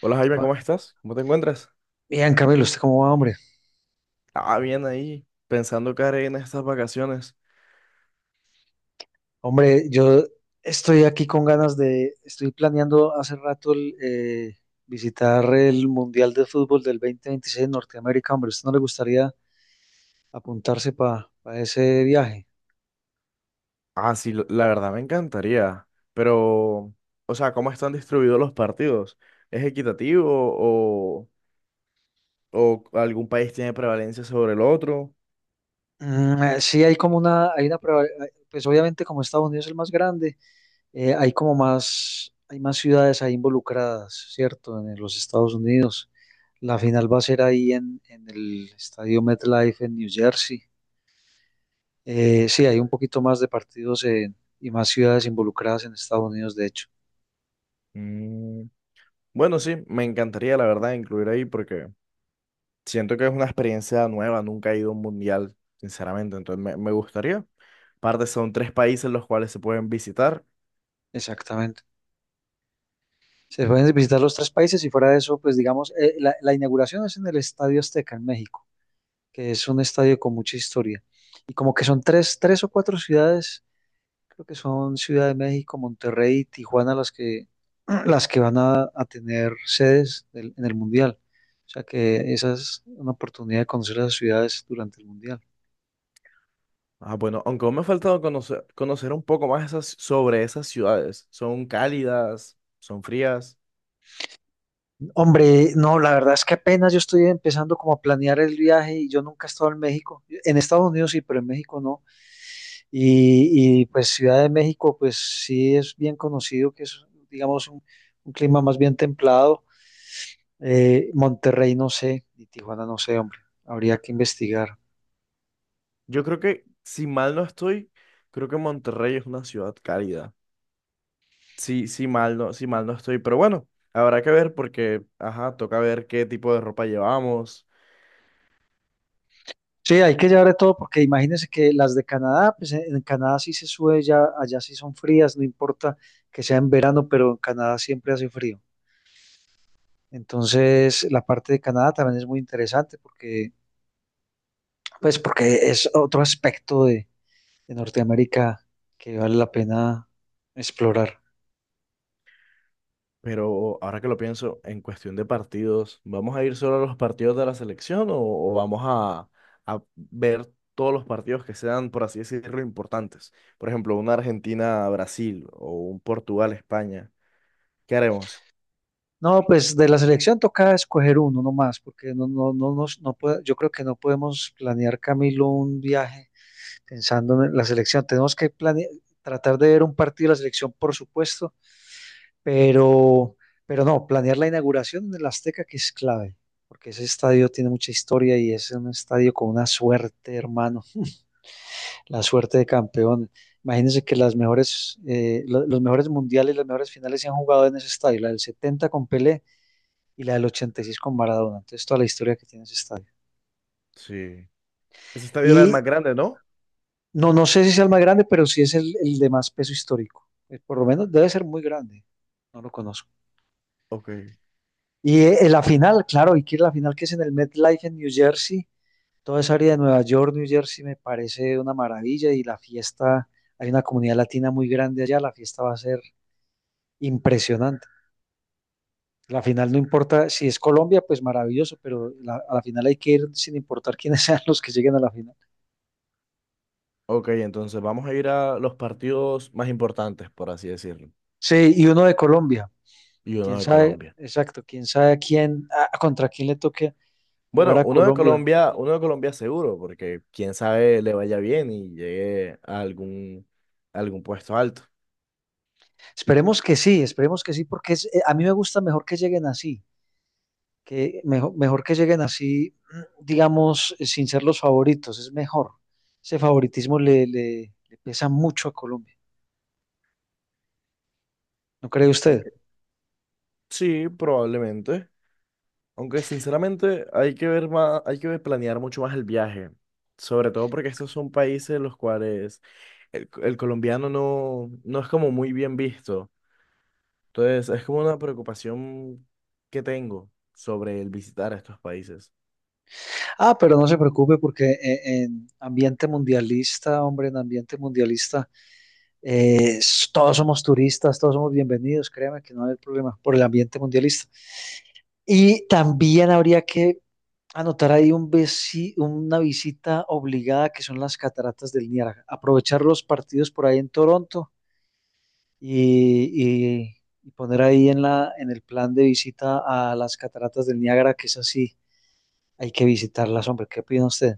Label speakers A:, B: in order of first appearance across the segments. A: Hola Jaime,
B: Ah,
A: ¿cómo estás? ¿Cómo te encuentras?
B: Bien, Camilo, ¿usted cómo va, hombre?
A: Ah, bien ahí, pensando qué haré en estas vacaciones.
B: Hombre, yo estoy aquí con ganas de, estoy planeando hace rato el, visitar el Mundial de Fútbol del 2026 en Norteamérica, hombre, ¿usted no le gustaría apuntarse para ese viaje?
A: Ah, sí, la verdad me encantaría, pero, o sea, ¿cómo están distribuidos los partidos? ¿Es equitativo o, o algún país tiene prevalencia sobre el otro?
B: Sí, hay como una, hay una, pues obviamente como Estados Unidos es el más grande, hay como más, hay más ciudades ahí involucradas, ¿cierto? En los Estados Unidos. La final va a ser ahí en el estadio MetLife en New Jersey. Sí, hay un poquito más de partidos y más ciudades involucradas en Estados Unidos, de hecho.
A: Mm, Bueno, sí, me encantaría, la verdad, incluir ahí porque siento que es una experiencia nueva, nunca he ido a un mundial, sinceramente, entonces me gustaría. Aparte, son tres países los cuales se pueden visitar.
B: Exactamente. Se pueden visitar los tres países y fuera de eso, pues digamos, la, la inauguración es en el Estadio Azteca, en México, que es un estadio con mucha historia. Y como que son tres, tres o cuatro ciudades, creo que son Ciudad de México, Monterrey y Tijuana las que, las que van a tener sedes en el Mundial. O sea que esa es una oportunidad de conocer las ciudades durante el Mundial.
A: Ah, bueno, aunque aún me ha faltado conocer un poco más sobre esas ciudades. ¿Son cálidas? ¿Son frías?
B: Hombre, no, la verdad es que apenas yo estoy empezando como a planear el viaje y yo nunca he estado en México. En Estados Unidos sí, pero en México no. Pues Ciudad de México, pues sí es bien conocido que es, digamos, un clima más bien templado. Monterrey no sé, y Tijuana no sé, hombre. Habría que investigar.
A: Yo creo que, si mal no estoy, creo que Monterrey es una ciudad cálida. Sí, mal no estoy, pero bueno, habrá que ver porque, ajá, toca ver qué tipo de ropa llevamos.
B: Sí, hay que llevar de todo porque imagínense que las de Canadá, pues en Canadá sí se sube, ya, allá sí son frías, no importa que sea en verano, pero en Canadá siempre hace frío. Entonces, la parte de Canadá también es muy interesante porque, pues, porque es otro aspecto de Norteamérica que vale la pena explorar.
A: Pero ahora que lo pienso, en cuestión de partidos, ¿vamos a ir solo a los partidos de la selección o vamos a ver todos los partidos que sean, por así decirlo, importantes? Por ejemplo, una Argentina-Brasil o un Portugal-España. ¿Qué haremos?
B: No, pues de la selección toca escoger uno nomás, porque no, no, no, yo creo que no podemos planear, Camilo, un viaje pensando en la selección. Tenemos que tratar de ver un partido de la selección, por supuesto, Pero, pero no, planear la inauguración en el Azteca que es clave, porque ese estadio tiene mucha historia y es un estadio con una suerte, hermano, la suerte de campeón. Imagínense que las mejores, los mejores mundiales, las mejores finales se han jugado en ese estadio, la del 70 con Pelé y la del 86 con Maradona. Entonces, toda la historia que tiene ese estadio.
A: Sí. Ese estadio era el
B: Y
A: más grande, ¿no?
B: no, no sé si sea el más grande, pero sí es el de más peso histórico. Por lo menos debe ser muy grande. No lo conozco.
A: Ok.
B: Y la final, claro, y que la final que es en el MetLife en New Jersey, toda esa área de Nueva York, New Jersey me parece una maravilla y la fiesta, hay una comunidad latina muy grande allá, la fiesta va a ser impresionante. La final no importa, si es Colombia, pues maravilloso, pero a la final hay que ir sin importar quiénes sean los que lleguen a la final.
A: Ok, entonces vamos a ir a los partidos más importantes, por así decirlo,
B: Sí, y uno de Colombia,
A: y uno
B: quién
A: de
B: sabe,
A: Colombia.
B: exacto, quién sabe a quién, contra quién le toque jugar
A: Bueno,
B: a Colombia.
A: Uno de Colombia seguro, porque quién sabe le vaya bien y llegue a algún puesto alto.
B: Esperemos que sí, porque a mí me gusta mejor que lleguen así que mejor, mejor que lleguen así, mm, digamos, sin ser los favoritos, es mejor. Ese favoritismo le pesa mucho a Colombia, ¿no cree usted?
A: Aunque, sí, probablemente. Aunque sinceramente hay que ver más, hay que planear mucho más el viaje. Sobre todo porque estos son países en los cuales el colombiano no es como muy bien visto. Entonces, es como una preocupación que tengo sobre el visitar estos países.
B: Ah, pero no se preocupe porque en ambiente mundialista, hombre, en ambiente mundialista, todos somos turistas, todos somos bienvenidos, créame que no hay problema por el ambiente mundialista. Y también habría que anotar ahí un una visita obligada que son las cataratas del Niágara. Aprovechar los partidos por ahí en Toronto y poner ahí en la, en el plan de visita a las cataratas del Niágara, que es así, hay que visitarlas, hombre, ¿qué opina usted?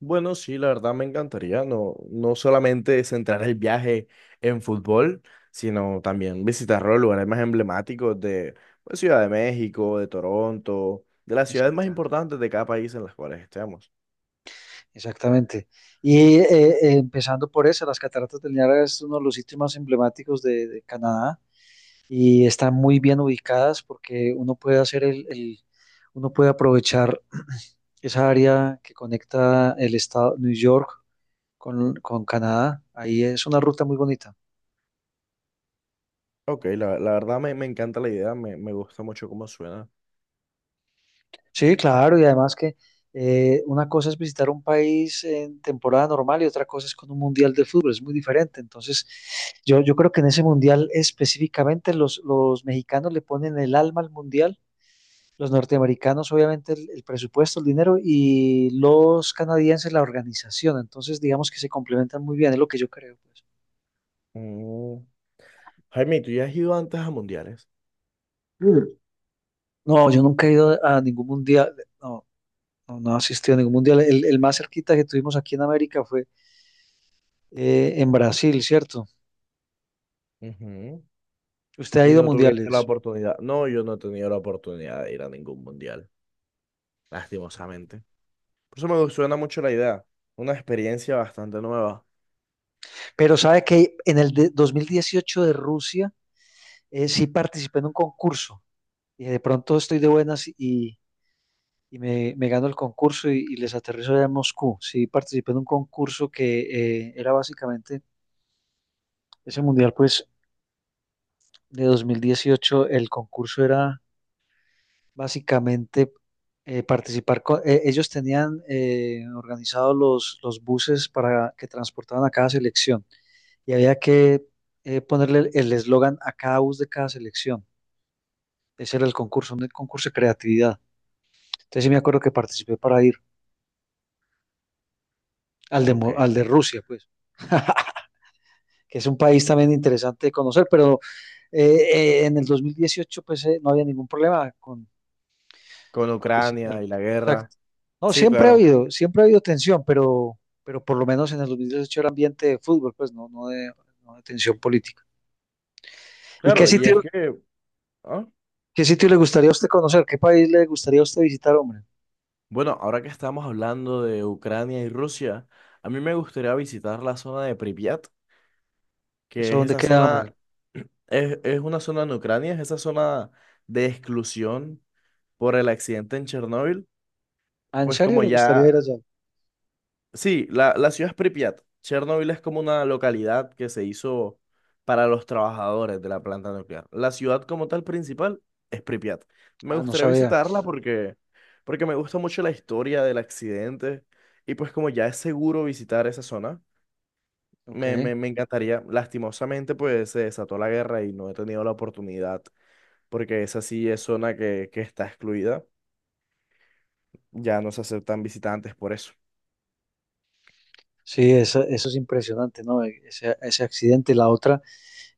A: Bueno, sí, la verdad me encantaría no solamente centrar el viaje en fútbol, sino también visitar los lugares más emblemáticos de, pues, Ciudad de México, de Toronto, de las ciudades más
B: Exacto.
A: importantes de cada país en las cuales estemos.
B: Exactamente. Y empezando por eso, las cataratas del Niágara es uno de los sitios más emblemáticos de Canadá y están muy bien ubicadas porque uno puede hacer uno puede aprovechar esa área que conecta el estado New York con Canadá. Ahí es una ruta muy bonita.
A: Ok, la verdad me encanta la idea, me gusta mucho cómo suena.
B: Sí, claro, y además que una cosa es visitar un país en temporada normal y otra cosa es con un mundial de fútbol, es muy diferente. Entonces, yo creo que en ese mundial específicamente los mexicanos le ponen el alma al mundial, los norteamericanos obviamente el presupuesto, el dinero y los canadienses la organización. Entonces, digamos que se complementan muy bien, es lo que yo creo, pues.
A: Mm. Jaime, ¿tú ya has ido antes a mundiales?
B: Mm. No, yo nunca he ido a ningún mundial, no, no, no he asistido a ningún mundial. El más cerquita que tuvimos aquí en América fue en Brasil, ¿cierto?
A: Ujú.
B: Usted ha
A: Y
B: ido a
A: no tuviste la
B: mundiales,
A: oportunidad. No, yo no he tenido la oportunidad de ir a ningún mundial, lastimosamente. Por eso me suena mucho la idea. Una experiencia bastante nueva.
B: pero sabe que en el de 2018 de Rusia sí participé en un concurso y de pronto estoy de buenas y me gano el concurso y les aterrizo allá en Moscú. Sí participé en un concurso que era básicamente, ese mundial pues de 2018, el concurso era básicamente participar con, ellos tenían organizado los buses para que transportaban a cada selección. Y había que ponerle el eslogan a cada bus de cada selección. Ese era el concurso, un concurso de creatividad. Entonces sí me acuerdo que participé para ir al de,
A: Ok.
B: Al de Rusia, pues, que es un país también interesante de conocer, pero en el 2018 pues no había ningún problema
A: Con
B: con
A: Ucrania
B: visitarlo.
A: y la guerra.
B: Exacto. No,
A: Sí, claro.
B: siempre ha habido tensión, pero por lo menos en el 2018 era ambiente de fútbol, pues no, no de, no de tensión política. ¿Y
A: Claro, y es que, ah,
B: qué sitio le gustaría a usted conocer? ¿Qué país le gustaría a usted visitar, hombre?
A: bueno, ahora que estamos hablando de Ucrania y Rusia, a mí me gustaría visitar la zona de Pripyat, que
B: ¿Eso
A: es
B: dónde
A: esa
B: queda,
A: zona,
B: hombre?
A: es una zona en Ucrania, es esa zona de exclusión por el accidente en Chernóbil.
B: Ah, ¿en
A: Pues
B: serio
A: como
B: le gustaría ir
A: ya,
B: allá?
A: sí, la ciudad es Pripyat. Chernobyl es como una localidad que se hizo para los trabajadores de la planta nuclear. La ciudad como tal principal es Pripyat. Me
B: Ah, no
A: gustaría
B: sabía.
A: visitarla porque, porque me gusta mucho la historia del accidente y pues como ya es seguro visitar esa zona,
B: Ok.
A: me encantaría. Lastimosamente pues se desató la guerra y no he tenido la oportunidad porque esa sí es zona que está excluida. Ya no se aceptan visitantes por eso.
B: Sí, eso es impresionante, ¿no? E, ese accidente. La otra,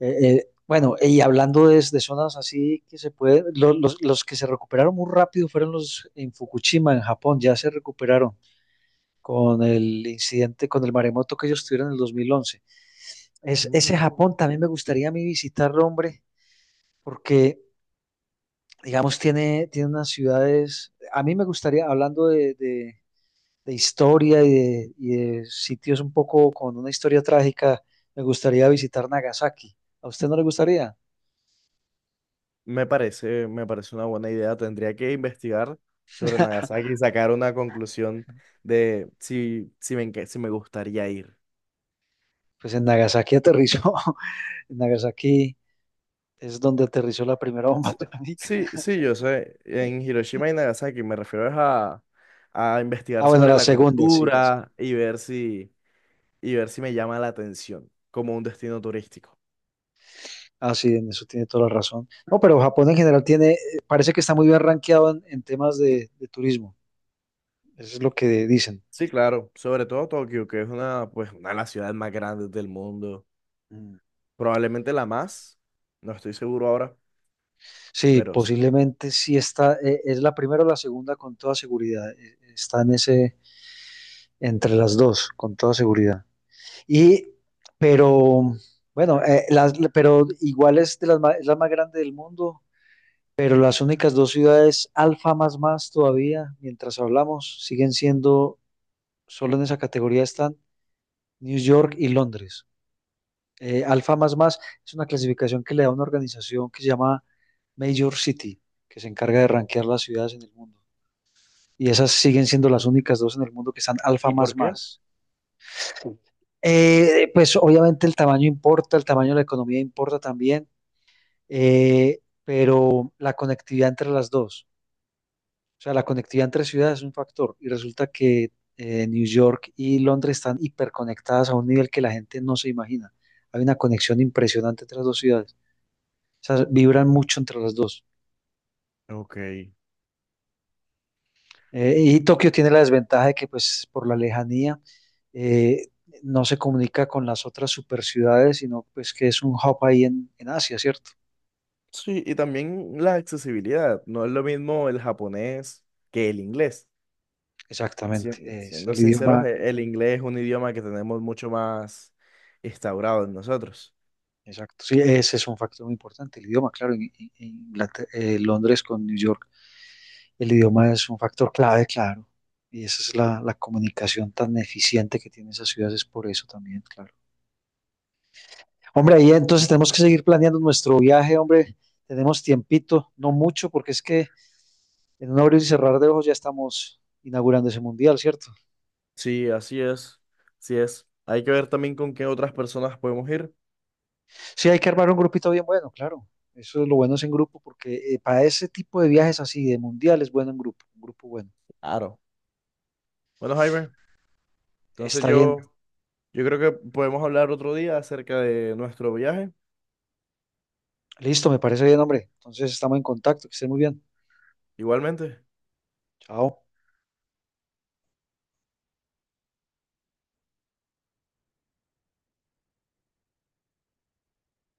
B: bueno, y hablando de zonas así que se puede, los que se recuperaron muy rápido fueron los en Fukushima, en Japón, ya se recuperaron con el incidente, con el maremoto que ellos tuvieron en el 2011. Es, ese Japón también me gustaría a mí visitarlo, hombre, porque, digamos, tiene, tiene unas ciudades, a mí me gustaría, hablando de historia y de sitios un poco con una historia trágica, me gustaría visitar Nagasaki. ¿A usted no le gustaría?
A: Me parece una buena idea. Tendría que investigar sobre Nagasaki y sacar una conclusión de si, si me gustaría ir.
B: Pues en Nagasaki aterrizó. En Nagasaki es donde aterrizó la primera bomba
A: S-
B: atómica.
A: Sí, sí, yo sé. En Hiroshima y Nagasaki me refiero es a
B: Ah,
A: investigar
B: bueno,
A: sobre
B: la
A: la
B: segunda, sí, la segunda.
A: cultura y ver si me llama la atención como un destino turístico.
B: Ah, sí, en eso tiene toda la razón. No, pero Japón en general tiene, parece que está muy bien rankeado en temas de turismo. Eso es lo que dicen.
A: Sí, claro. Sobre todo Tokio, que es una, pues, una de las ciudades más grandes del mundo.
B: Mm.
A: Probablemente la más. No estoy seguro ahora,
B: Sí,
A: pero sí.
B: posiblemente sí está, es la primera o la segunda con toda seguridad. Está en ese, entre las dos, con toda seguridad. Y, pero, bueno, las, pero igual es, de las, ma- es la más grande del mundo, pero las únicas dos ciudades alfa más más todavía, mientras hablamos, siguen siendo, solo en esa categoría están New York y Londres. Alfa más más es una clasificación que le da una organización que se llama Major City, que se encarga de rankear las ciudades en el mundo. Y esas siguen siendo las únicas dos en el mundo que están alfa
A: ¿Y
B: más
A: por qué?
B: más. Pues obviamente el tamaño importa, el tamaño de la economía importa también, eh, pero la conectividad entre las dos, o sea, la conectividad entre ciudades es un factor y resulta que New York y Londres están hiperconectadas a un nivel que la gente no se imagina. Hay una conexión impresionante entre las dos ciudades, o sea, vibran mucho entre las dos.
A: Ok.
B: Y Tokio tiene la desventaja de que pues por la lejanía eh, no se comunica con las otras super ciudades, sino pues que es un hub ahí en Asia, ¿cierto?
A: Sí, y también la accesibilidad. No es lo mismo el japonés que el inglés.
B: Exactamente, es
A: Siendo
B: el
A: sinceros,
B: idioma,
A: el inglés es un idioma que tenemos mucho más instaurado en nosotros.
B: exacto. Sí, ese es un factor muy importante, el idioma, claro, en Londres con New York, el idioma es un factor clave, claro, y esa es la, la comunicación tan eficiente que tienen esas ciudades, es por eso también, claro. Hombre, ahí entonces tenemos que seguir planeando nuestro viaje, hombre, tenemos tiempito, no mucho, porque es que en un abrir y cerrar de ojos ya estamos inaugurando ese mundial, ¿cierto?
A: Sí, así es. Así es. Hay que ver también con qué otras personas podemos ir.
B: Sí, hay que armar un grupito bien bueno, claro. Eso es lo bueno es en grupo, porque para ese tipo de viajes así, de mundial, es bueno en grupo, un grupo bueno.
A: Claro. Bueno, Jaime, entonces
B: Está bien,
A: yo creo que podemos hablar otro día acerca de nuestro viaje.
B: listo, me parece bien, hombre. Entonces estamos en contacto, que estén muy bien.
A: Igualmente.
B: Chao.